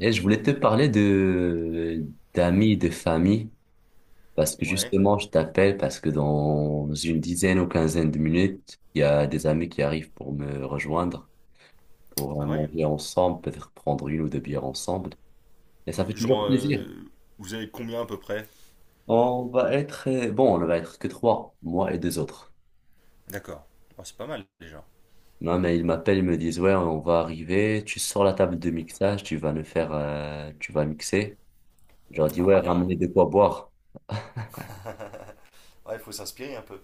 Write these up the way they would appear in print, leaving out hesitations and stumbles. Et je voulais te parler de d'amis, de famille, parce que Ouais. justement, je t'appelle parce que dans une dizaine ou quinzaine de minutes, il y a des amis qui arrivent pour me rejoindre, pour Ah ouais. manger ensemble, peut-être prendre une ou deux bières ensemble. Et ça fait toujours Genre, plaisir. Vous avez combien à peu près? On va être, bon, on va être que trois, moi et deux autres. D'accord. Ah, c'est pas mal déjà. Non, mais ils m'appellent, ils me disent, ouais, on va arriver, tu sors la table de mixage, tu vas mixer. Je leur dis, Ah ouais, bien. ramenez de quoi boire. Ouais, il faut s'inspirer un peu.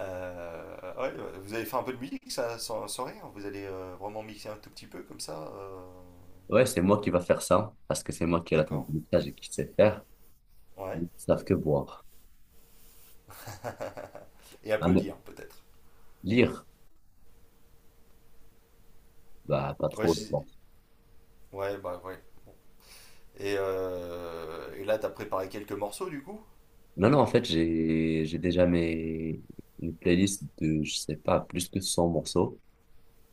Ouais, ouais, vous allez faire un peu de musique, ça, sans rien. Vous allez vraiment mixer un tout petit peu comme ça. Ouais, c'est moi qui va faire ça, parce que c'est moi qui ai la tête D'accord. de mixage et qui sait faire. Ouais. Ils savent que boire. Et Ah non, applaudir, peut-être. lire, bah pas Ouais, trop, je pense. Ouais, bah ouais. Et là, t'as préparé quelques morceaux, du coup? Non, non, en fait, j'ai déjà mes une playlist de, je sais pas, plus que 100 morceaux.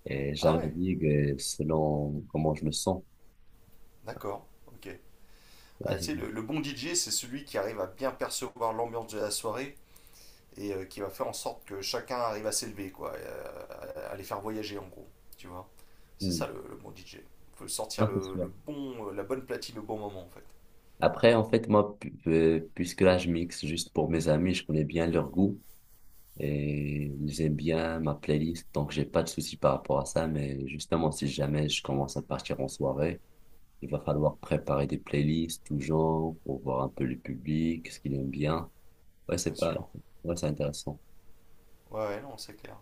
Et Ah ouais. j'indique selon comment je me sens. D'accord. Ok. Tu sais, Ouais. le bon DJ, c'est celui qui arrive à bien percevoir l'ambiance de la soirée et qui va faire en sorte que chacun arrive à s'élever, quoi, et à les faire voyager en gros, tu vois. C'est Mm. ça le bon DJ. Il faut sortir Non, c'est le, sûr. le bon, la bonne platine au bon moment en fait, Après, en fait, moi, puisque là, je mixe juste pour mes amis, je connais bien leur goût. Et j'aime bien ma playlist, donc j'ai pas de souci par rapport à ça, mais justement, si jamais je commence à partir en soirée, il va falloir préparer des playlists toujours pour voir un peu le public, ce qu'il aime bien. Ouais, c'est bien pas, sûr. ouais, c'est intéressant. Ouais, ouais, non, c'est clair.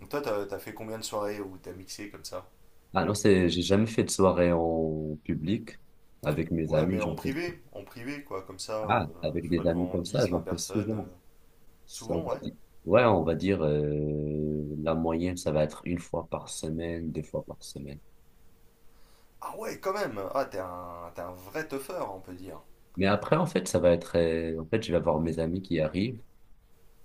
Donc toi, t'as fait combien de soirées où t'as mixé comme ça? Ah non, c'est, j'ai jamais fait de soirée en public avec mes Ouais, amis, mais j'en fais, en privé, quoi, comme ça, ah, avec tu vois, des amis devant comme ça, 10, 20 j'en fais personnes, souvent. C'est- on souvent, va ouais. dire- Ouais, on va dire, la moyenne, ça va être une fois par semaine, deux fois par semaine. Ah ouais, quand même! Ah, t'es un vrai teufeur, on peut dire. Mais après, en fait, je vais avoir mes amis qui arrivent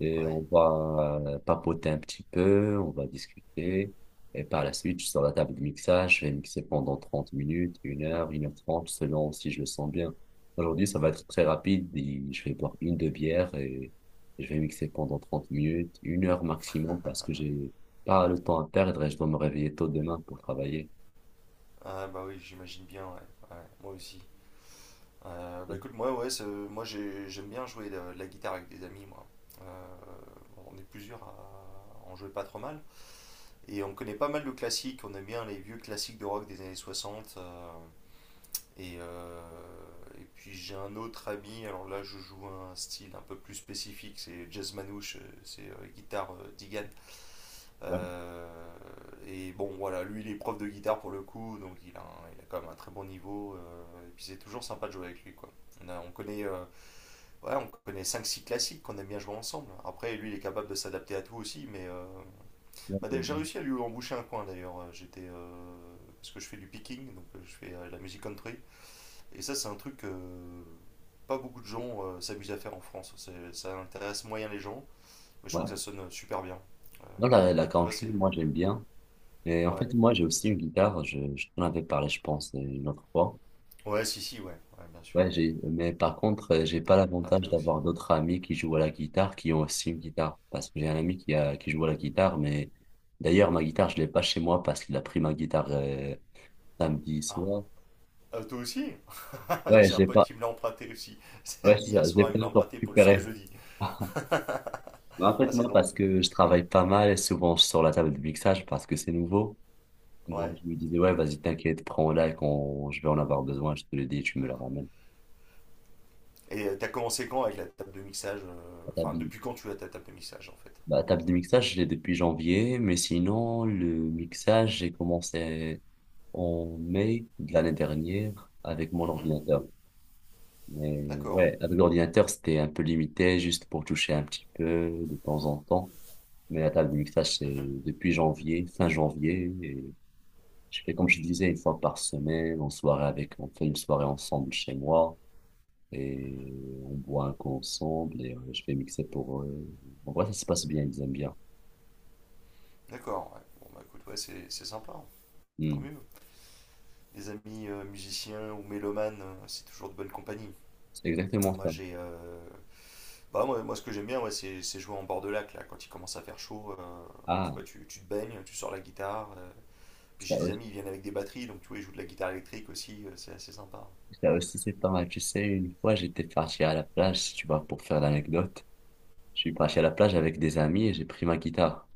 et Ouais. on va papoter un petit peu, on va discuter. Et par la suite, je suis sur la table de mixage, je vais mixer pendant 30 minutes, 1 heure, 1h30, selon si je le sens bien. Aujourd'hui, ça va être très rapide, et je vais boire une, deux bières et je vais mixer pendant 30 minutes, une heure maximum parce que j'ai pas le temps à perdre et je dois me réveiller tôt demain pour travailler. Ah bah oui, j'imagine bien, ouais. Ouais, moi aussi. Bah Ouais, écoute, moi, ouais, j'aime bien jouer de la guitare avec des amis, moi. Euh, on est plusieurs à en jouer pas trop mal. Et on connaît pas mal de classiques, on aime bien les vieux classiques de rock des années 60 et, euh, et puis j'ai un autre ami, alors là je joue un style un peu plus spécifique, c'est jazz manouche, c'est guitare Digan. ouais, Euh, et bon voilà, lui il est prof de guitare pour le coup, donc il a quand même un très bon niveau, et puis c'est toujours sympa de jouer avec lui quoi. On a- on connaît, euh, ouais, on connaît cinq six classiques qu'on aime bien jouer ensemble. Après lui il est capable de s'adapter à tout aussi, mais ouais, bah, ouais. d'ailleurs, j'ai réussi à lui emboucher un coin d'ailleurs. J'étais parce que je fais du picking, donc je fais de la musique country. Et ça, c'est un truc que pas beaucoup de gens s'amusent à faire en France. Ça intéresse moyen les gens, mais je trouve Ouais. que ça sonne super bien. Euh, Voilà, la tu vois, country, c'est. moi, j'aime bien. Mais en Ouais. fait, moi, j'ai aussi une guitare. Je t'en avais parlé, je pense, une autre fois. Ouais, si, si, ouais. Ouais, bien sûr. Ouais, j'ai, mais par contre, j'ai pas T'as emprunté l'avantage aussi. d'avoir d'autres amis qui jouent à la guitare, qui ont aussi une guitare. Parce que j'ai un ami qui a, qui joue à la guitare, mais d'ailleurs, ma guitare, je l'ai pas chez moi parce qu'il a pris ma guitare, samedi Ah. soir. Ah, toi aussi Ouais, J'ai je un l'ai pote pas, qui me l'a emprunté aussi. ouais, c'est Hier ça, je l'ai soir, il pas me l'a encore emprunté pour jusqu'à récupéré. jeudi. Mais en fait, ah, c'est moi, drôle. parce que je travaille pas mal et souvent je sors la table de mixage parce que c'est nouveau. Ouais. Donc, je me disais, ouais, vas-y, t'inquiète, prends-la et quand je vais en avoir besoin, je te le dis, tu me la ramènes. Et t'as commencé quand avec la table de mixage La Enfin, bi- depuis quand tu as ta table de mixage en fait? La table de mixage, je l'ai depuis janvier, mais sinon, le mixage, j'ai commencé en mai de l'année dernière avec mon Mhm. ordinateur. Mais D'accord. ouais, avec l'ordinateur, c'était un peu limité, juste pour toucher un petit peu de temps en temps. Mais la table de mixage, c'est Mhm. depuis janvier, fin janvier. Et je fais comme je disais, une fois par semaine, en soirée avec, on fait une soirée ensemble chez moi. Mhm. Et on boit un coup ensemble et je fais mixer pour eux. En vrai, ça se passe bien, ils aiment bien. D'accord, ouais. Bon, bah écoute, ouais, c'est sympa. Tant Hmm. mieux. Des amis musiciens ou mélomanes, c'est toujours de bonne compagnie. C'est exactement Moi, ça. Bah, moi, ce que j'aime bien, ouais, c'est jouer en bord de lac, là, quand il commence à faire chaud, tu Ah, vois, tu te baignes, tu sors la guitare. Puis ça j'ai des aussi, amis, ils viennent avec des batteries, donc tu vois, ils jouent de la guitare électrique aussi, c'est assez sympa. ça aussi c'est pas mal. Tu sais, une fois, j'étais parti à la plage, si tu vois, pour faire l'anecdote. Je suis parti à la plage avec des amis et j'ai pris ma guitare.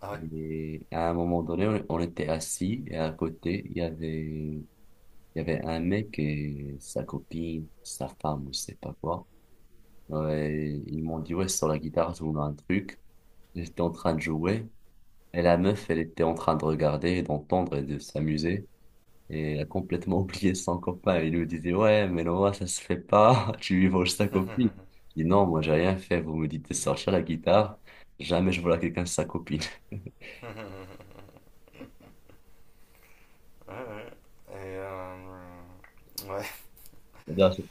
Ah ouais. Et à un moment donné, on était assis et à côté, il y avait un mec et sa copine, sa femme, ou je sais pas quoi. Ouais, ils m'ont dit, ouais, sur la guitare, je voulais un truc. J'étais en train de jouer. Et la meuf, elle était en train de regarder, et d'entendre et de s'amuser. Et a complètement oublié son copain. Il lui disait, ouais, mais Noah, ça se fait pas. Tu lui voles sa copine. Il dit, non, moi, j'ai rien fait. Vous me dites de sortir la guitare. Jamais je vole à quelqu'un sa copine. Ouais, ouais. Et, euh, ouais. C'est-à-dire, C'est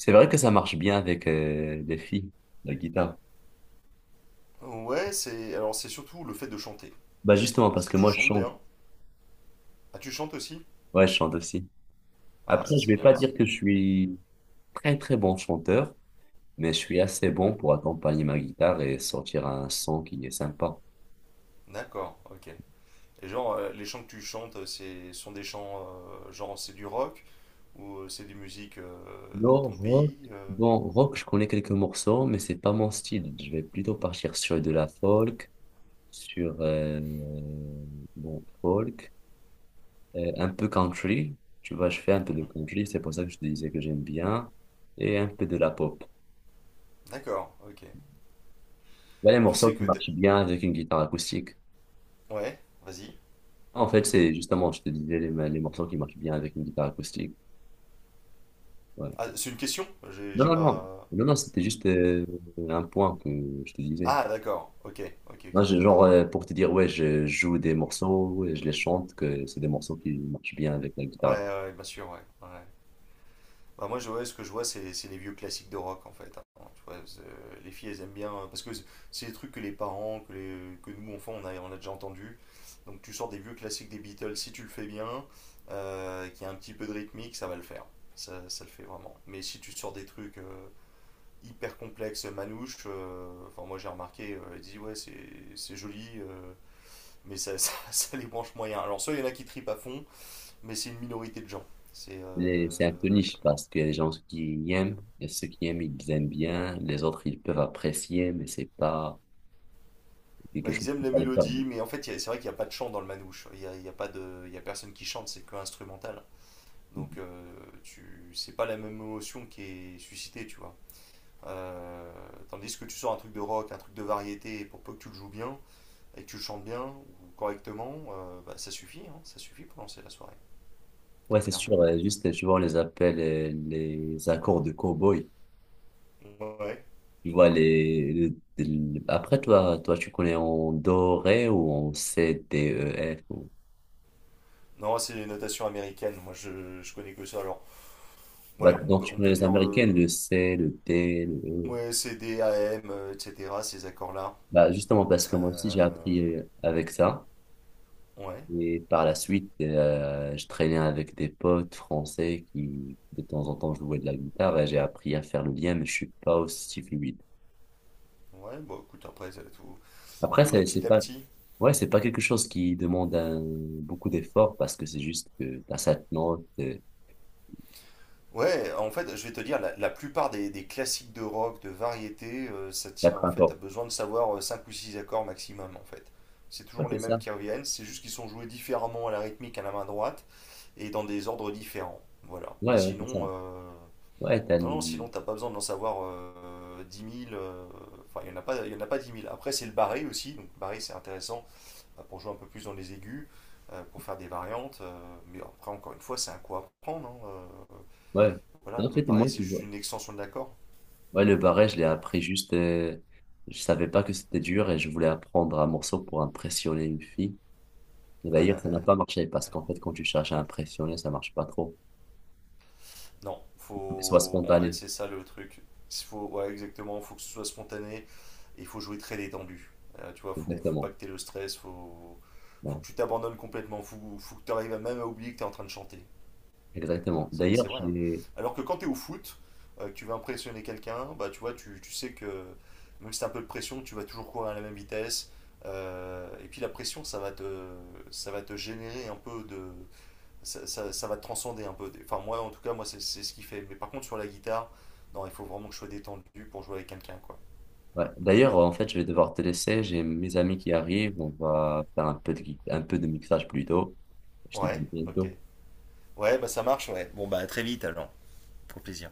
c'est vrai que ça marche bien avec les filles, la guitare. Ouais, alors c'est surtout le fait de chanter. Bah, justement, parce Si que tu moi, je chantes chante. bien. Ah, tu chantes aussi? Ouais, je chante aussi. Ah, Après, ça je c'est vais bien. pas dire que je suis très, très bon chanteur, mais je suis assez bon pour accompagner ma guitare et sortir un son qui est sympa. D'accord, ok. Et genre, les chants que tu chantes, c'est sont des chants, genre c'est du rock ou c'est des musiques de Non, ton rock. pays. Bon, rock, je connais quelques morceaux, mais c'est pas mon style. Je vais plutôt partir sur de la folk, sur bon, folk, un peu country. Tu vois, je fais un peu de Mhm. country, c'est pour ça que je te disais que j'aime bien, et un peu de la pop. D'accord, ok. Là, les Tu morceaux sais qui que t'es- marchent bien avec une guitare acoustique. Ouais, vas-y. En fait, c'est justement, je te disais, les morceaux qui marchent bien avec une guitare acoustique. Ouais. Ah, c'est une question? J'ai Non, j'ai non, non. pas. Non, non, c'était juste un point que je te disais. Ah, d'accord, ok, ok, ok. Non, je- genre, pour te dire, ouais, je joue des morceaux et je les chante, que c'est des morceaux qui marchent bien avec la Ouais, guitare. ouais, ouais, bien sûr, ouais. Ouais. Bah, moi, ouais, ce que je vois, c'est les vieux classiques de rock en fait. Hein. Tu vois, les filles, elles aiment bien parce que c'est des trucs que les parents, que nous, enfants, on a déjà entendu. Donc, tu sors des vieux classiques des Beatles si tu le fais bien, qu'il y a un petit peu de rythmique, ça va le faire. Ça le fait vraiment. Mais si tu sors des trucs hyper complexes, manouches, enfin, moi j'ai remarqué, elle dit ouais, c'est joli, mais ça, ça les branche moyen. Alors, soit il y en a qui tripent à fond, mais c'est une minorité de gens. C'est Mais c'est un peu niche parce que les gens qui aiment, et ceux qui aiment, ils aiment bien, les autres, ils peuvent apprécier, mais c'est pas quelque Bah, chose ils aiment qui les va les faire. mélodies, mais en fait, c'est vrai qu'il n'y a pas de chant dans le manouche. Il n'y a, il y a, pas de- Il y a personne qui chante, c'est que instrumental. Donc, c'est pas la même émotion qui est suscitée, tu vois. Euh, tandis que tu sors un truc de rock, un truc de variété, et pour peu que tu le joues bien et que tu le chantes bien ou correctement, bah, ça suffit, hein, ça suffit pour lancer la soirée, Ouais, c'est clairement. sûr, juste, tu vois, on les appelle les accords de cow-boy. Ouais. Tu vois, après, toi, tu connais en do, ré ou en C, D, E, F. Ou Non, c'est les notations américaines, moi je connais que ça. Alors, bah, ouais, on donc, peut, tu on connais peut les dire, Américaines, le C, le D, le E. ouais, CD, AM, etc., ces accords-là. Bah, justement, parce que moi aussi, Euh, j'ai appris avec ça. ouais. Et par la suite, je traînais avec des potes français qui, de temps en temps, jouaient de la guitare et j'ai appris à faire le lien, mais je suis pas aussi fluide. Ouais, bon, écoute, après, ça, tout. Faut Après, y aller c'est petit à pas, petit. ouais, c'est pas quelque chose qui demande beaucoup d'efforts parce que c'est juste que t'as cette note, Ouais, en fait, je vais te dire, la plupart des classiques de rock, de variété, ça t'as tient. En un fait, t'as accords. besoin de savoir 5 ou 6 accords maximum, en fait. C'est Ouais, toujours les c'est mêmes ça. qui reviennent, c'est juste qu'ils sont joués différemment à la rythmique à la main droite et dans des ordres différents. Voilà. Mais Ouais, ouais, c'est sinon, ça. Ouais, non, non, sinon, t'as pas besoin d'en savoir 10 000. Enfin, il y en a pas 10 000. Après, c'est le barré aussi. Donc, barré, c'est intéressant. Pour jouer un peu plus dans les aigus, pour faire des variantes. Mais après, encore une fois, c'est un coup à prendre. Hein. euh, ouais. voilà, En le fait, barré, moi, c'est tu juste vois. une extension de l'accord. Ouais, le barret, je l'ai appris juste, je savais pas que c'était dur et je voulais apprendre un morceau pour impressionner une fille. Et d'ailleurs, ça n'a pas marché parce qu'en fait, quand tu cherches à impressionner, ça marche pas trop. Non, Il faut que ce soit faut. En fait, spontané. c'est ça le truc. Faut. Ouais, exactement, faut que ce soit spontané et il faut jouer très détendu. Tu vois, faut pas Exactement. que t'aies le stress, faut Ouais, que tu t'abandonnes complètement, faut que tu arrives même à oublier que t'es en train de chanter. exactement. D'ailleurs, C'est vrai. Hein. j'ai. Alors que quand tu es au foot, que tu veux impressionner quelqu'un, bah, tu vois, tu sais que même si tu as un peu de pression, tu vas toujours courir à la même vitesse. Et puis la pression, ça va te générer un peu de. Ça va te transcender un peu. Enfin, moi, en tout cas, moi, c'est ce qui fait. Mais par contre, sur la guitare, non, il faut vraiment que je sois détendu pour jouer avec quelqu'un, quoi. Ouais. D'ailleurs, en fait, je vais devoir te laisser. J'ai mes amis qui arrivent. On va faire un peu de mixage plus tôt. Je te dis Ouais, à ok. bientôt. Ouais, bah ça marche, ouais. Bon, bah à très vite alors. Pour plaisir.